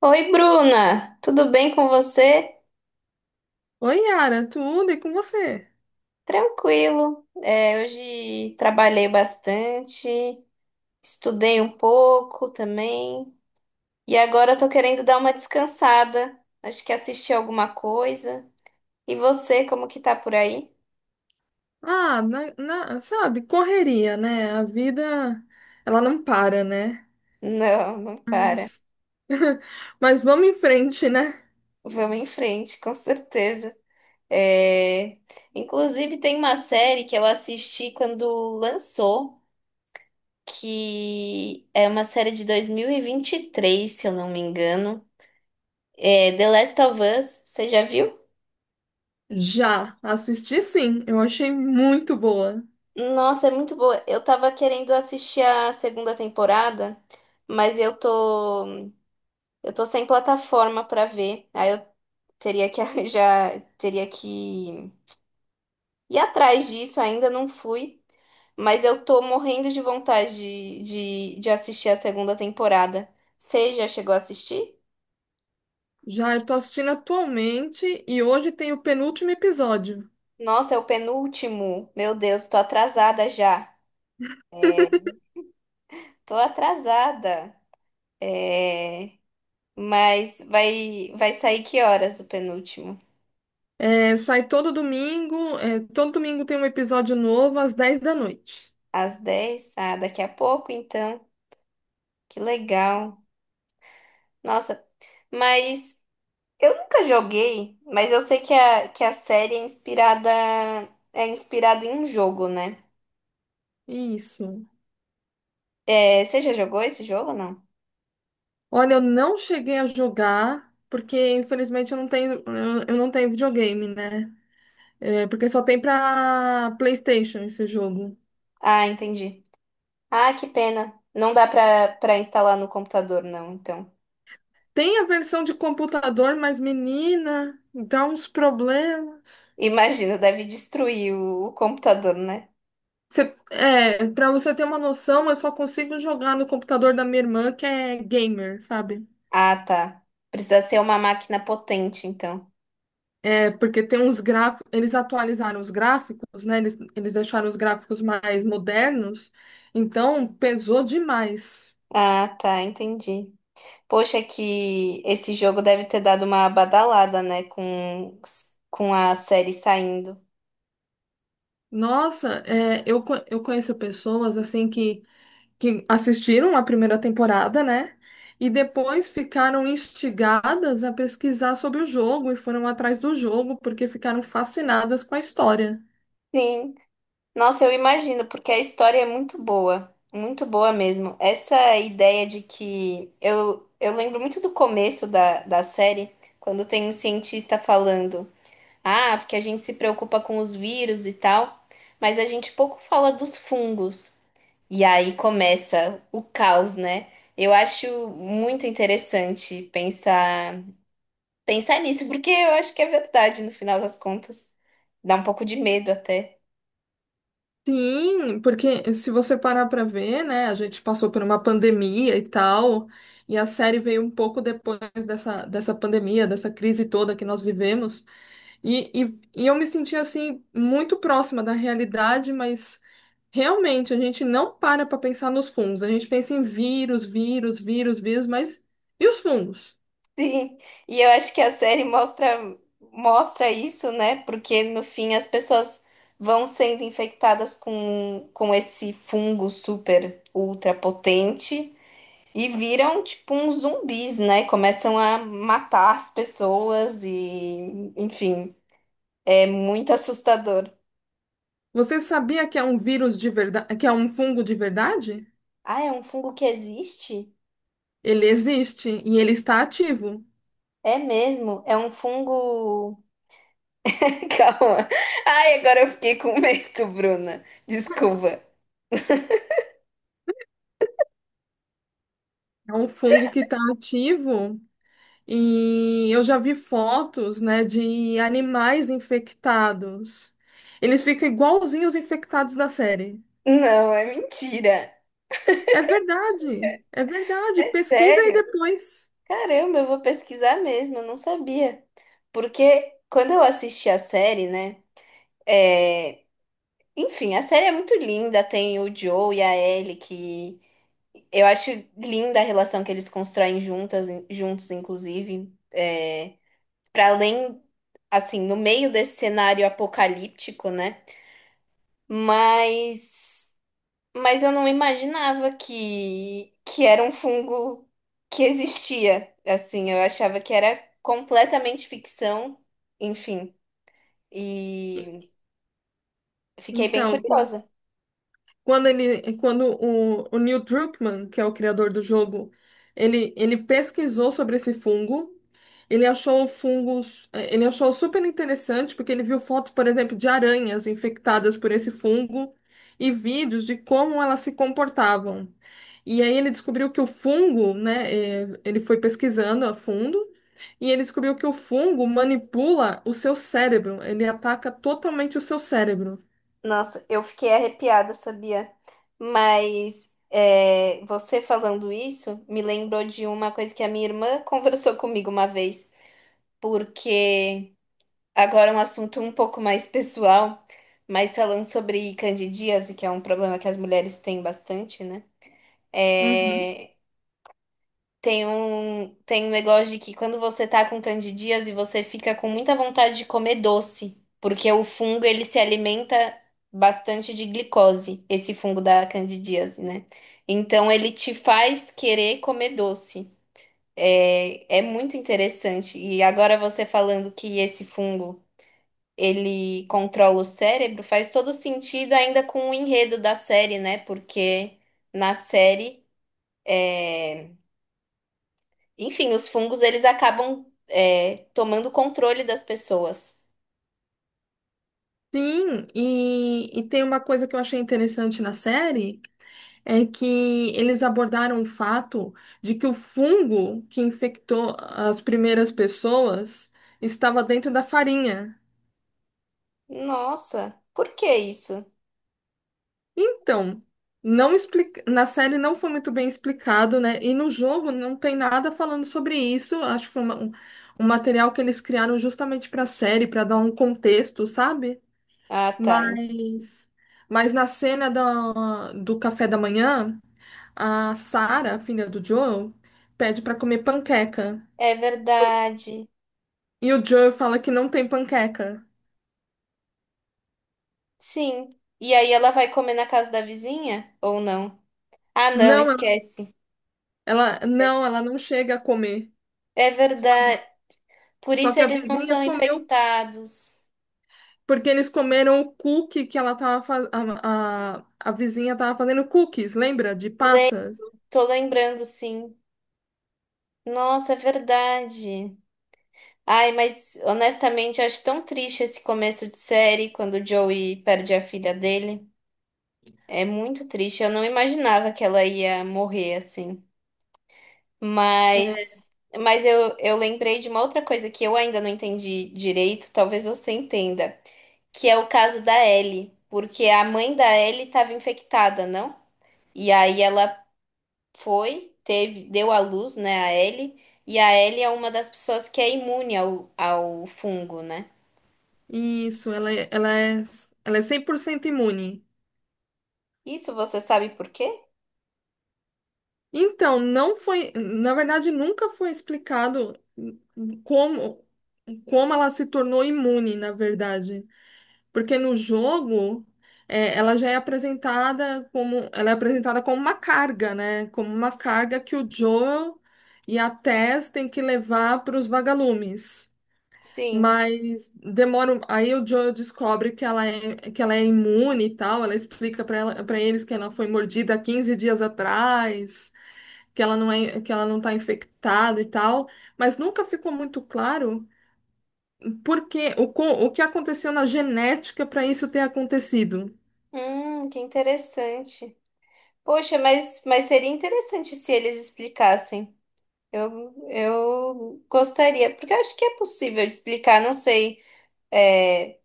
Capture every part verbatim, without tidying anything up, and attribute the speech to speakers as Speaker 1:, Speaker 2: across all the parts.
Speaker 1: Oi, Bruna, tudo bem com você?
Speaker 2: Oi, Yara, tudo e com você?
Speaker 1: Tranquilo. É, hoje trabalhei bastante, estudei um pouco também e agora eu tô querendo dar uma descansada. Acho que assisti alguma coisa. E você, como que tá por aí?
Speaker 2: Ah, na, na- sabe, correria, né? A vida, ela não para, né?
Speaker 1: Não, não para.
Speaker 2: Mas, mas vamos em frente, né?
Speaker 1: Vamos em frente, com certeza. É, inclusive, tem uma série que eu assisti quando lançou, que é uma série de dois mil e vinte e três, se eu não me engano. É, The Last of Us, você já viu?
Speaker 2: Já assisti sim, eu achei muito boa.
Speaker 1: Nossa, é muito boa. Eu tava querendo assistir a segunda temporada, mas eu tô eu tô sem plataforma pra ver. Aí eu teria que arranjar, teria que ir atrás disso, ainda não fui, mas eu tô morrendo de vontade de, de, de assistir a segunda temporada. Você já chegou a assistir?
Speaker 2: Já eu tô assistindo atualmente e hoje tem o penúltimo episódio.
Speaker 1: Nossa, é o penúltimo. Meu Deus, tô atrasada já. Tô atrasada. É... Mas vai, vai sair que horas o penúltimo?
Speaker 2: É, sai todo domingo, é, todo domingo tem um episódio novo às dez da noite.
Speaker 1: Às dez? Ah, daqui a pouco, então. Que legal. Nossa, mas eu nunca joguei, mas eu sei que a, que a série é inspirada, é inspirada em um jogo, né?
Speaker 2: Isso.
Speaker 1: É, você já jogou esse jogo ou não?
Speaker 2: Olha, eu não cheguei a jogar, porque infelizmente eu não tenho, eu eu não tenho videogame, né? É, porque só tem pra PlayStation esse jogo.
Speaker 1: Ah, entendi. Ah, que pena. Não dá pra, pra instalar no computador, não, então.
Speaker 2: Tem a versão de computador, mas menina, dá uns problemas.
Speaker 1: Imagina, deve destruir o, o computador, né?
Speaker 2: Você, é, para você ter uma noção, eu só consigo jogar no computador da minha irmã, que é gamer, sabe?
Speaker 1: Ah, tá. Precisa ser uma máquina potente, então.
Speaker 2: É, porque tem uns gráficos, eles atualizaram os gráficos, né? Eles, eles deixaram os gráficos mais modernos, então pesou demais.
Speaker 1: Ah, tá, entendi. Poxa, que esse jogo deve ter dado uma badalada, né, com, com a série saindo.
Speaker 2: Nossa, é, eu, co- eu conheço pessoas assim que, que assistiram a primeira temporada, né? E depois ficaram instigadas a pesquisar sobre o jogo e foram atrás do jogo porque ficaram fascinadas com a história.
Speaker 1: Sim. Nossa, eu imagino, porque a história é muito boa, muito boa mesmo. Essa ideia de que eu, eu lembro muito do começo da, da série, quando tem um cientista falando, ah, porque a gente se preocupa com os vírus e tal, mas a gente pouco fala dos fungos. E aí começa o caos, né? Eu acho muito interessante pensar pensar nisso, porque eu acho que é verdade no final das contas. Dá um pouco de medo até.
Speaker 2: Sim, porque se você parar para ver, né, a gente passou por uma pandemia e tal, e a série veio um pouco depois dessa, dessa pandemia, dessa crise toda que nós vivemos, e, e, e eu me senti assim muito próxima da realidade, mas realmente, a gente não para para pensar nos fungos. A gente pensa em vírus, vírus, vírus, vírus, mas e os fungos?
Speaker 1: Sim. E eu acho que a série mostra mostra isso, né? Porque no fim as pessoas vão sendo infectadas com com esse fungo super ultra potente e viram tipo uns zumbis, né? Começam a matar as pessoas e enfim, é muito assustador.
Speaker 2: Você sabia que é um vírus de verdade, que é um fungo de verdade?
Speaker 1: Ah, é um fungo que existe?
Speaker 2: Ele existe e ele está ativo.
Speaker 1: É mesmo, é um fungo. Calma. Ai, agora eu fiquei com medo, Bruna. Desculpa.
Speaker 2: É um fungo que está ativo e eu já vi fotos, né, de animais infectados. Eles ficam igualzinhos os infectados da série.
Speaker 1: Não, é mentira.
Speaker 2: É verdade, é verdade. Pesquisa aí
Speaker 1: Sério?
Speaker 2: depois.
Speaker 1: Caramba, eu vou pesquisar mesmo, eu não sabia. Porque quando eu assisti a série, né? é, Enfim, a série é muito linda, tem o Joe e a Ellie, que eu acho linda a relação que eles constroem juntas, juntos, inclusive. É, para além, assim, no meio desse cenário apocalíptico, né? Mas, mas eu não imaginava que, que era um fungo que existia. Assim, eu achava que era completamente ficção, enfim. E fiquei bem
Speaker 2: Então,
Speaker 1: curiosa.
Speaker 2: quando ele, quando o, o Neil Druckmann, que é o criador do jogo, ele, ele pesquisou sobre esse fungo, ele achou o fungo, eh, ele achou super interessante porque ele viu fotos, por exemplo, de aranhas infectadas por esse fungo e vídeos de como elas se comportavam. E aí ele descobriu que o fungo, né, eh, ele foi pesquisando a fundo e ele descobriu que o fungo manipula o seu cérebro, ele ataca totalmente o seu cérebro.
Speaker 1: Nossa, eu fiquei arrepiada, sabia? Mas é, você falando isso me lembrou de uma coisa que a minha irmã conversou comigo uma vez, porque agora um assunto um pouco mais pessoal, mas falando sobre candidíase, que é um problema que as mulheres têm bastante, né? É, tem um, tem um negócio de que quando você tá com candidíase, você fica com muita vontade de comer doce, porque o fungo ele se alimenta bastante de glicose, esse fungo da candidíase, né? Então ele te faz querer comer doce. É, é muito interessante. E agora você falando que esse fungo ele controla o cérebro, faz todo sentido ainda com o enredo da série, né? Porque na série, é, enfim, os fungos eles acabam é, tomando controle das pessoas.
Speaker 2: Sim, e, e tem uma coisa que eu achei interessante na série, é que eles abordaram o fato de que o fungo que infectou as primeiras pessoas estava dentro da farinha.
Speaker 1: Nossa, por que isso?
Speaker 2: Então, não explica, na série não foi muito bem explicado, né? E no jogo não tem nada falando sobre isso. Acho que foi uma- um, um material que eles criaram justamente para a série, para dar um contexto, sabe?
Speaker 1: Ah, tá. en-
Speaker 2: Mas, mas na cena do, do café da manhã. A Sarah, filha do Joel, pede pra comer panqueca.
Speaker 1: É verdade.
Speaker 2: E o Joel fala que não tem panqueca.
Speaker 1: Sim. E aí ela vai comer na casa da vizinha ou não? Ah, não,
Speaker 2: Não, ela,
Speaker 1: esquece.
Speaker 2: ela- não,
Speaker 1: Esquece.
Speaker 2: ela não chega a comer.
Speaker 1: É verdade. Por
Speaker 2: Só
Speaker 1: isso
Speaker 2: que a
Speaker 1: eles não
Speaker 2: vizinha
Speaker 1: são
Speaker 2: comeu,
Speaker 1: infectados.
Speaker 2: porque eles comeram o cookie que ela tava fazendo. A, a, a vizinha tava fazendo cookies, lembra? De passas.
Speaker 1: Tô lembrando, sim. Nossa, é verdade. Ai, mas honestamente, eu acho tão triste esse começo de série quando o Joey perde a filha dele. É muito triste. Eu não imaginava que ela ia morrer assim. Mas, mas eu, eu lembrei de uma outra coisa que eu ainda não entendi direito, talvez você entenda, que é o caso da Ellie, porque a mãe da Ellie estava infectada, não? E aí ela foi, teve, deu à luz, né, a Ellie, e a Ellie é uma das pessoas que é imune ao, ao fungo, né?
Speaker 2: Isso, ela, é- ela é, ela é cem por cento imune.
Speaker 1: Isso você sabe por quê?
Speaker 2: Então, não foi. Na verdade, nunca foi explicado como, como ela se tornou imune, na verdade. Porque no jogo, é, ela já é apresentada como, ela é apresentada como uma carga, né? Como uma carga que o Joel e a Tess têm que levar para os vagalumes.
Speaker 1: Sim.
Speaker 2: Mas demora. um- Aí o Joel descobre que ela é, que ela é imune e tal. Ela explica para ela, para eles que ela foi mordida há quinze dias atrás, que ela não é, que ela não está infectada e tal. Mas nunca ficou muito claro por que, o, co- o que aconteceu na genética para isso ter acontecido.
Speaker 1: Hum, que interessante. Poxa, mas, mas seria interessante se eles explicassem. Eu, eu gostaria, porque eu acho que é possível explicar, não sei, é,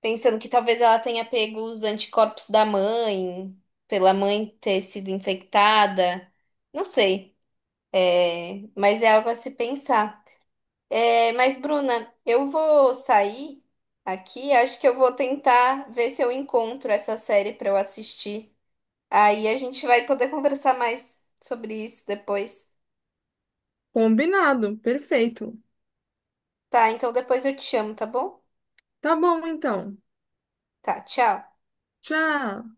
Speaker 1: pensando que talvez ela tenha pego os anticorpos da mãe, pela mãe ter sido infectada, não sei. É, mas é algo a se pensar. É, mas, Bruna, eu vou sair aqui. Acho que eu vou tentar ver se eu encontro essa série para eu assistir. Aí a gente vai poder conversar mais sobre isso depois.
Speaker 2: Combinado, perfeito.
Speaker 1: Tá, então depois eu te chamo, tá bom?
Speaker 2: Tá bom, então.
Speaker 1: Tá, tchau.
Speaker 2: Tchau.